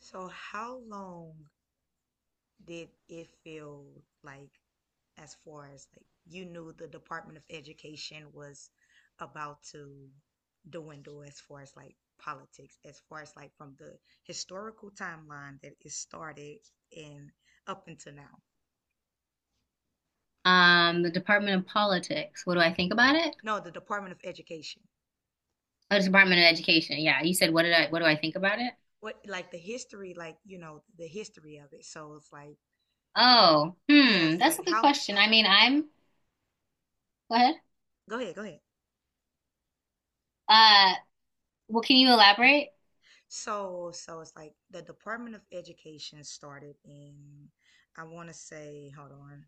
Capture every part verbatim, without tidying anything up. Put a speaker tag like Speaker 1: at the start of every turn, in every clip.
Speaker 1: So how long did it feel like, as far as like you knew the Department of Education was about to dwindle, as far as like politics, as far as like from the historical timeline that it started and up until now?
Speaker 2: Um, the Department of Politics. What do I think about it?
Speaker 1: No, the Department of Education.
Speaker 2: Oh, the Department of Education. Yeah, you said what did I what do I think about it?
Speaker 1: What, like the history, like you know, the history of it. So it's like
Speaker 2: Oh, hmm,
Speaker 1: yes,
Speaker 2: that's
Speaker 1: like
Speaker 2: a good
Speaker 1: how,
Speaker 2: question.
Speaker 1: how
Speaker 2: I mean, I'm Go ahead.
Speaker 1: go ahead, go ahead.
Speaker 2: Uh, well, can you elaborate?
Speaker 1: So, so it's like the Department of Education started in, I want to say, hold on,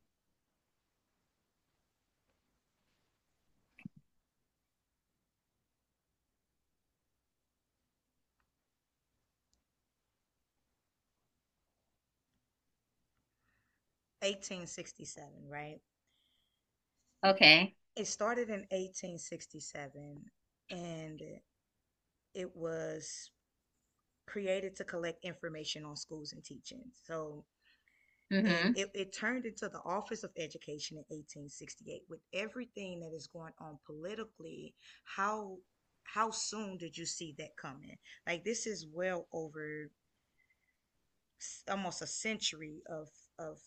Speaker 1: eighteen sixty-seven, right?
Speaker 2: Okay.
Speaker 1: It started in eighteen sixty-seven and it was created to collect information on schools and teaching. So, and
Speaker 2: Mm-hmm.
Speaker 1: it, it turned into the Office of Education in eighteen sixty-eight with everything that is going on politically. How how soon did you see that coming? Like this is well over almost a century of of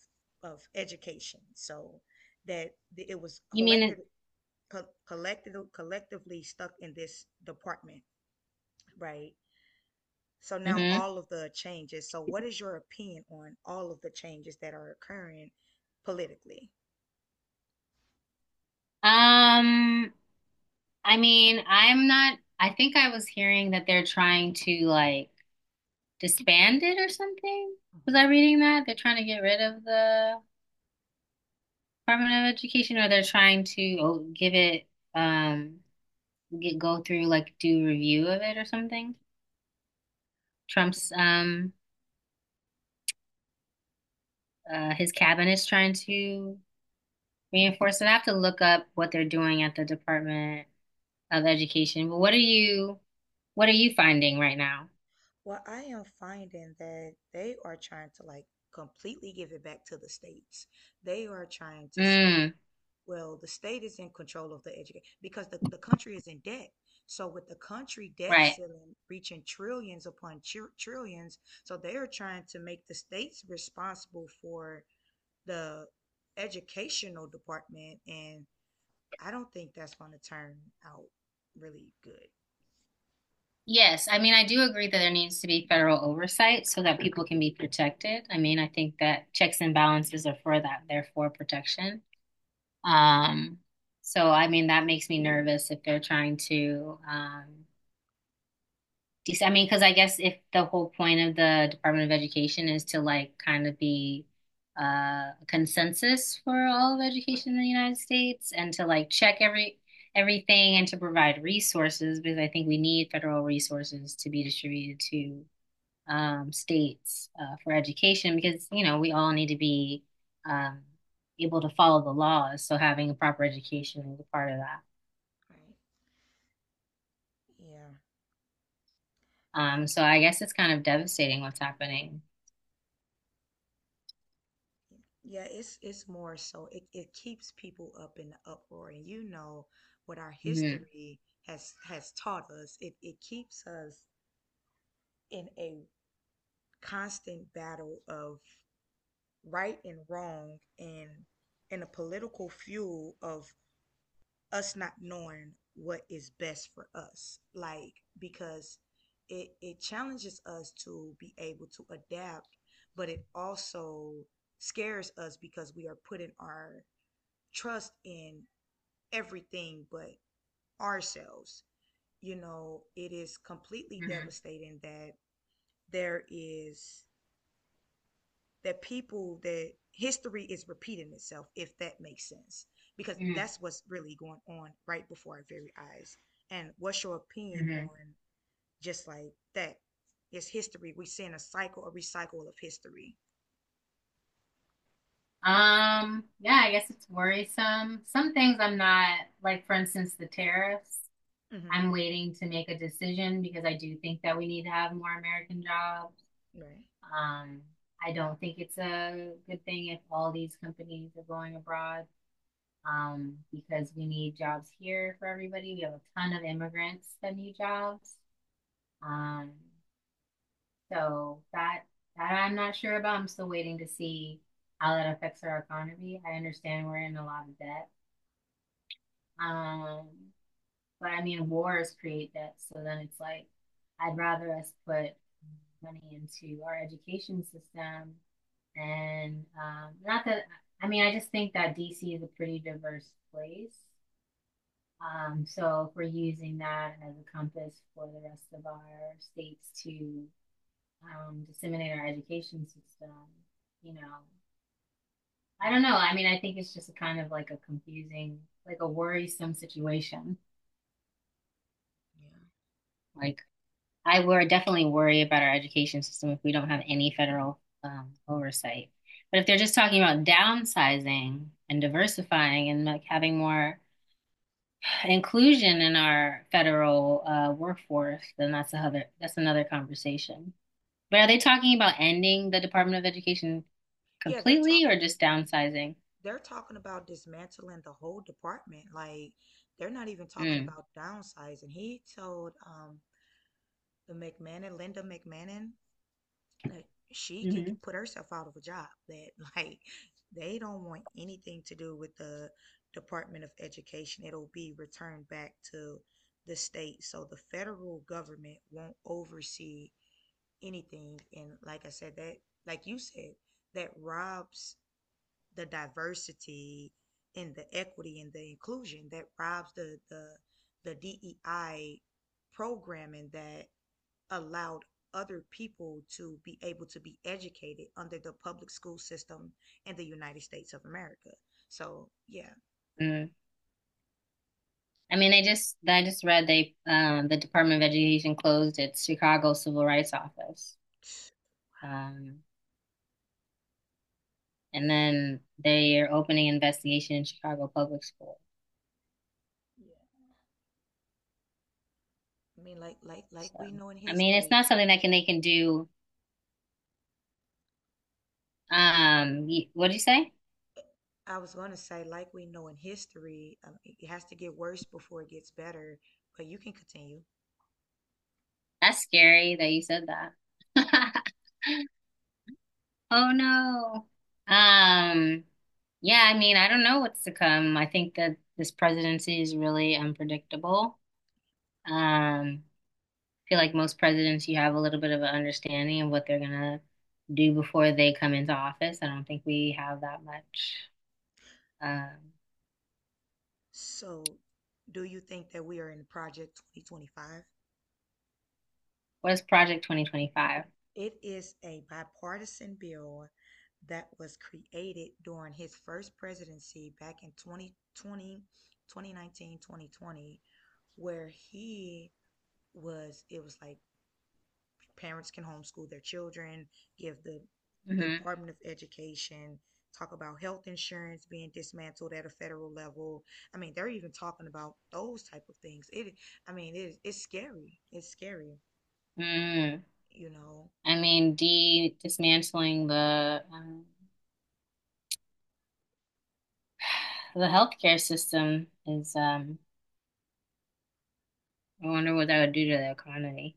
Speaker 1: of education, so that it was
Speaker 2: You mean
Speaker 1: collected, co- collected collectively, stuck in this department, right? So now
Speaker 2: mm-hmm.
Speaker 1: all of the changes. So what is your opinion on all of the changes that are occurring politically?
Speaker 2: Um, I mean, I'm not I think I was hearing that they're trying to like disband it or something. Was I reading that? They're trying to get rid of the Department of Education, or they're trying to oh, give it um get, go through like do review of it or something.
Speaker 1: Mm.
Speaker 2: Trump's um uh his cabinet's trying to reinforce it. I have to look up what they're doing at the Department of Education. But what are you what are you finding right now?
Speaker 1: Well, I am finding that they are trying to like completely give it back to the states. They are trying to say,
Speaker 2: Mm,
Speaker 1: well, the state is in control of the education because the, the country is in debt. So with the country debt
Speaker 2: right.
Speaker 1: ceiling reaching trillions upon tr- trillions, so they are trying to make the states responsible for the educational department, and I don't think that's going to turn out really good.
Speaker 2: Yes, I mean I do agree that there needs to be federal oversight so that people can be protected. I mean, I think that checks and balances are for that. They're for protection. Um, so I mean that makes me nervous if they're trying to um Dec- I mean, because I guess if the whole point of the Department of Education is to like kind of be uh, a consensus for all of
Speaker 1: Right,
Speaker 2: education in the United States and to like check every everything and to provide resources because I think we need federal resources to be distributed to um, states uh, for education, because you know we all need to be um, able to follow the laws. So having a proper education is a part of that.
Speaker 1: right. Yeah.
Speaker 2: Um, so I guess it's kind of devastating what's happening.
Speaker 1: Yeah, it's it's more so it, it keeps people up in the uproar, and you know what our
Speaker 2: Hmm.
Speaker 1: history has has taught us. It it keeps us in a constant battle of right and wrong, and in a political fuel of us not knowing what is best for us, like, because it it challenges us to be able to adapt, but it also scares us because we are putting our trust in everything but ourselves. You know, it is completely
Speaker 2: Hmm.
Speaker 1: devastating that there is that people, that history is repeating itself, if that makes sense, because
Speaker 2: Mm,
Speaker 1: that's what's really going on right before our very eyes. And what's your opinion
Speaker 2: mhm.
Speaker 1: on just like that? It's history. We're seeing a cycle, a recycle of history.
Speaker 2: Um, yeah, I guess it's worrisome. Some things I'm not, like for instance, the tariffs.
Speaker 1: Hmm.
Speaker 2: I'm waiting to make a decision because I do think that we need to have more American jobs.
Speaker 1: Right.
Speaker 2: Um, I don't think it's a good thing if all these companies are going abroad, um, because we need jobs here for everybody. We have a ton of immigrants that need jobs. Um, So that that I'm not sure about. I'm still waiting to see how that affects our economy. I understand we're in a lot of debt. Um, but I mean wars create debt. So then it's like I'd rather us put money into our education system and um, not that. I mean I just think that D C is a pretty diverse place. Um, so if we're using that as a compass for the rest of our states to um, disseminate our education system. You know, I don't
Speaker 1: Yeah.
Speaker 2: know. I mean, I think it's just a kind of like a confusing, like a worrisome situation.
Speaker 1: Yeah.
Speaker 2: Like, I would definitely worry about our education system if we don't have any federal um, oversight. But if they're just talking about downsizing and diversifying and like having more inclusion in our federal uh, workforce, then that's another that's another conversation. But are they talking about ending the Department of Education
Speaker 1: yeah they're
Speaker 2: completely
Speaker 1: talking
Speaker 2: or just downsizing?
Speaker 1: they're talking about dismantling the whole department. Like, they're not even talking
Speaker 2: Mm.
Speaker 1: about downsizing. He told um the McMahon, Linda McMahon, that she can g-
Speaker 2: Hmm.
Speaker 1: put herself out of a job. That like they don't want anything to do with the Department of Education. It'll be returned back to the state. So the federal government won't oversee anything. And like I said, that, like you said, that robs the diversity and the equity and the inclusion. That robs the the the D E I programming that allowed other people to be able to be educated under the public school system in the United States of America. So yeah,
Speaker 2: Mm. I mean, I just I just read they um the Department of Education closed its Chicago Civil Rights Office. Um, and
Speaker 1: yeah,
Speaker 2: then they are opening an investigation in Chicago Public School.
Speaker 1: yeah. I mean, like like like
Speaker 2: So,
Speaker 1: we know in
Speaker 2: I mean, it's
Speaker 1: history.
Speaker 2: not something that can they can do. Um, y- what'd you say?
Speaker 1: I was gonna say, like we know in history, um, it has to get worse before it gets better. But you can continue.
Speaker 2: That's scary that you said that.
Speaker 1: Yeah.
Speaker 2: Oh no. Um, yeah, I mean, I don't know what's to come. I think that this presidency is really unpredictable. Um, Feel like most presidents, you have a little bit of an understanding of what they're gonna do before they come into office. I don't think we have that much. Um,
Speaker 1: So, do you think that we are in Project twenty twenty-five?
Speaker 2: what is Project twenty twenty-five?
Speaker 1: It is a bipartisan bill that was created during his first presidency back in twenty twenty, twenty nineteen, twenty twenty, where he was, it was like parents can homeschool their children, give the
Speaker 2: Hmm.
Speaker 1: Department of Education, talk about health insurance being dismantled at a federal level. I mean, they're even talking about those type of things. It, I mean, it, it's scary. It's scary,
Speaker 2: Mm.
Speaker 1: you know.
Speaker 2: I mean, de dismantling the um, the healthcare system is. Um, I wonder what that would do to the economy.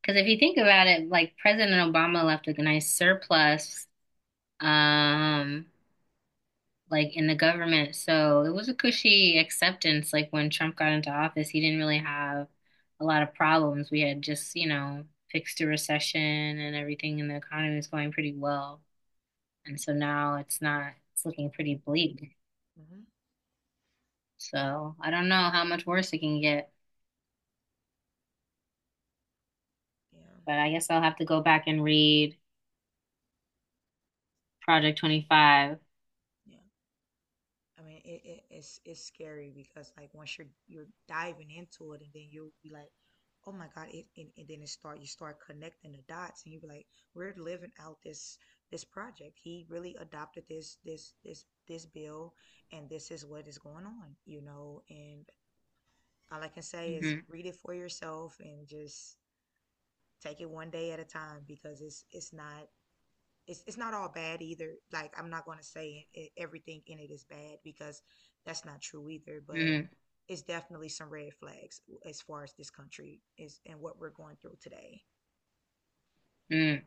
Speaker 2: Because if you think about it, like President Obama left a nice surplus. Um, like in the government. So it was a cushy acceptance. Like when Trump got into office, he didn't really have a lot of problems. We had just, you know, fixed a recession and everything, and the economy was going pretty well.
Speaker 1: Yeah.
Speaker 2: And so now it's not, it's looking pretty bleak.
Speaker 1: Yeah. Hmm.
Speaker 2: So I don't know how much worse it can get,
Speaker 1: Yeah.
Speaker 2: but I guess I'll have to go back and read Project twenty-five.
Speaker 1: Yeah. I mean, it, it, it's it's scary because like once you're you're diving into it, and then you'll be like, oh my God, it and, and then it start you start connecting the dots, and you be like, we're living out this this project. He really adopted this this this this bill, and this is what is going on, you know. And all I can say is
Speaker 2: Hmm.
Speaker 1: read it for yourself and just take it one day at a time because it's it's not it's it's not all bad either. Like, I'm not going to say it, everything in it is bad, because that's not true either, but
Speaker 2: Hmm.
Speaker 1: it's definitely some red flags as far as this country is and what we're going through today.
Speaker 2: Hmm.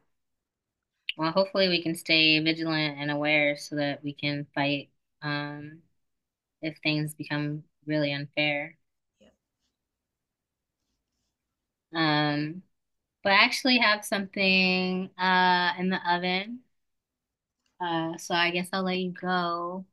Speaker 2: Well, hopefully we can stay vigilant and aware so that we can fight um, if things become really unfair.
Speaker 1: Yeah.
Speaker 2: Um, but I actually have something uh in the oven. Uh, so I guess I'll let you go.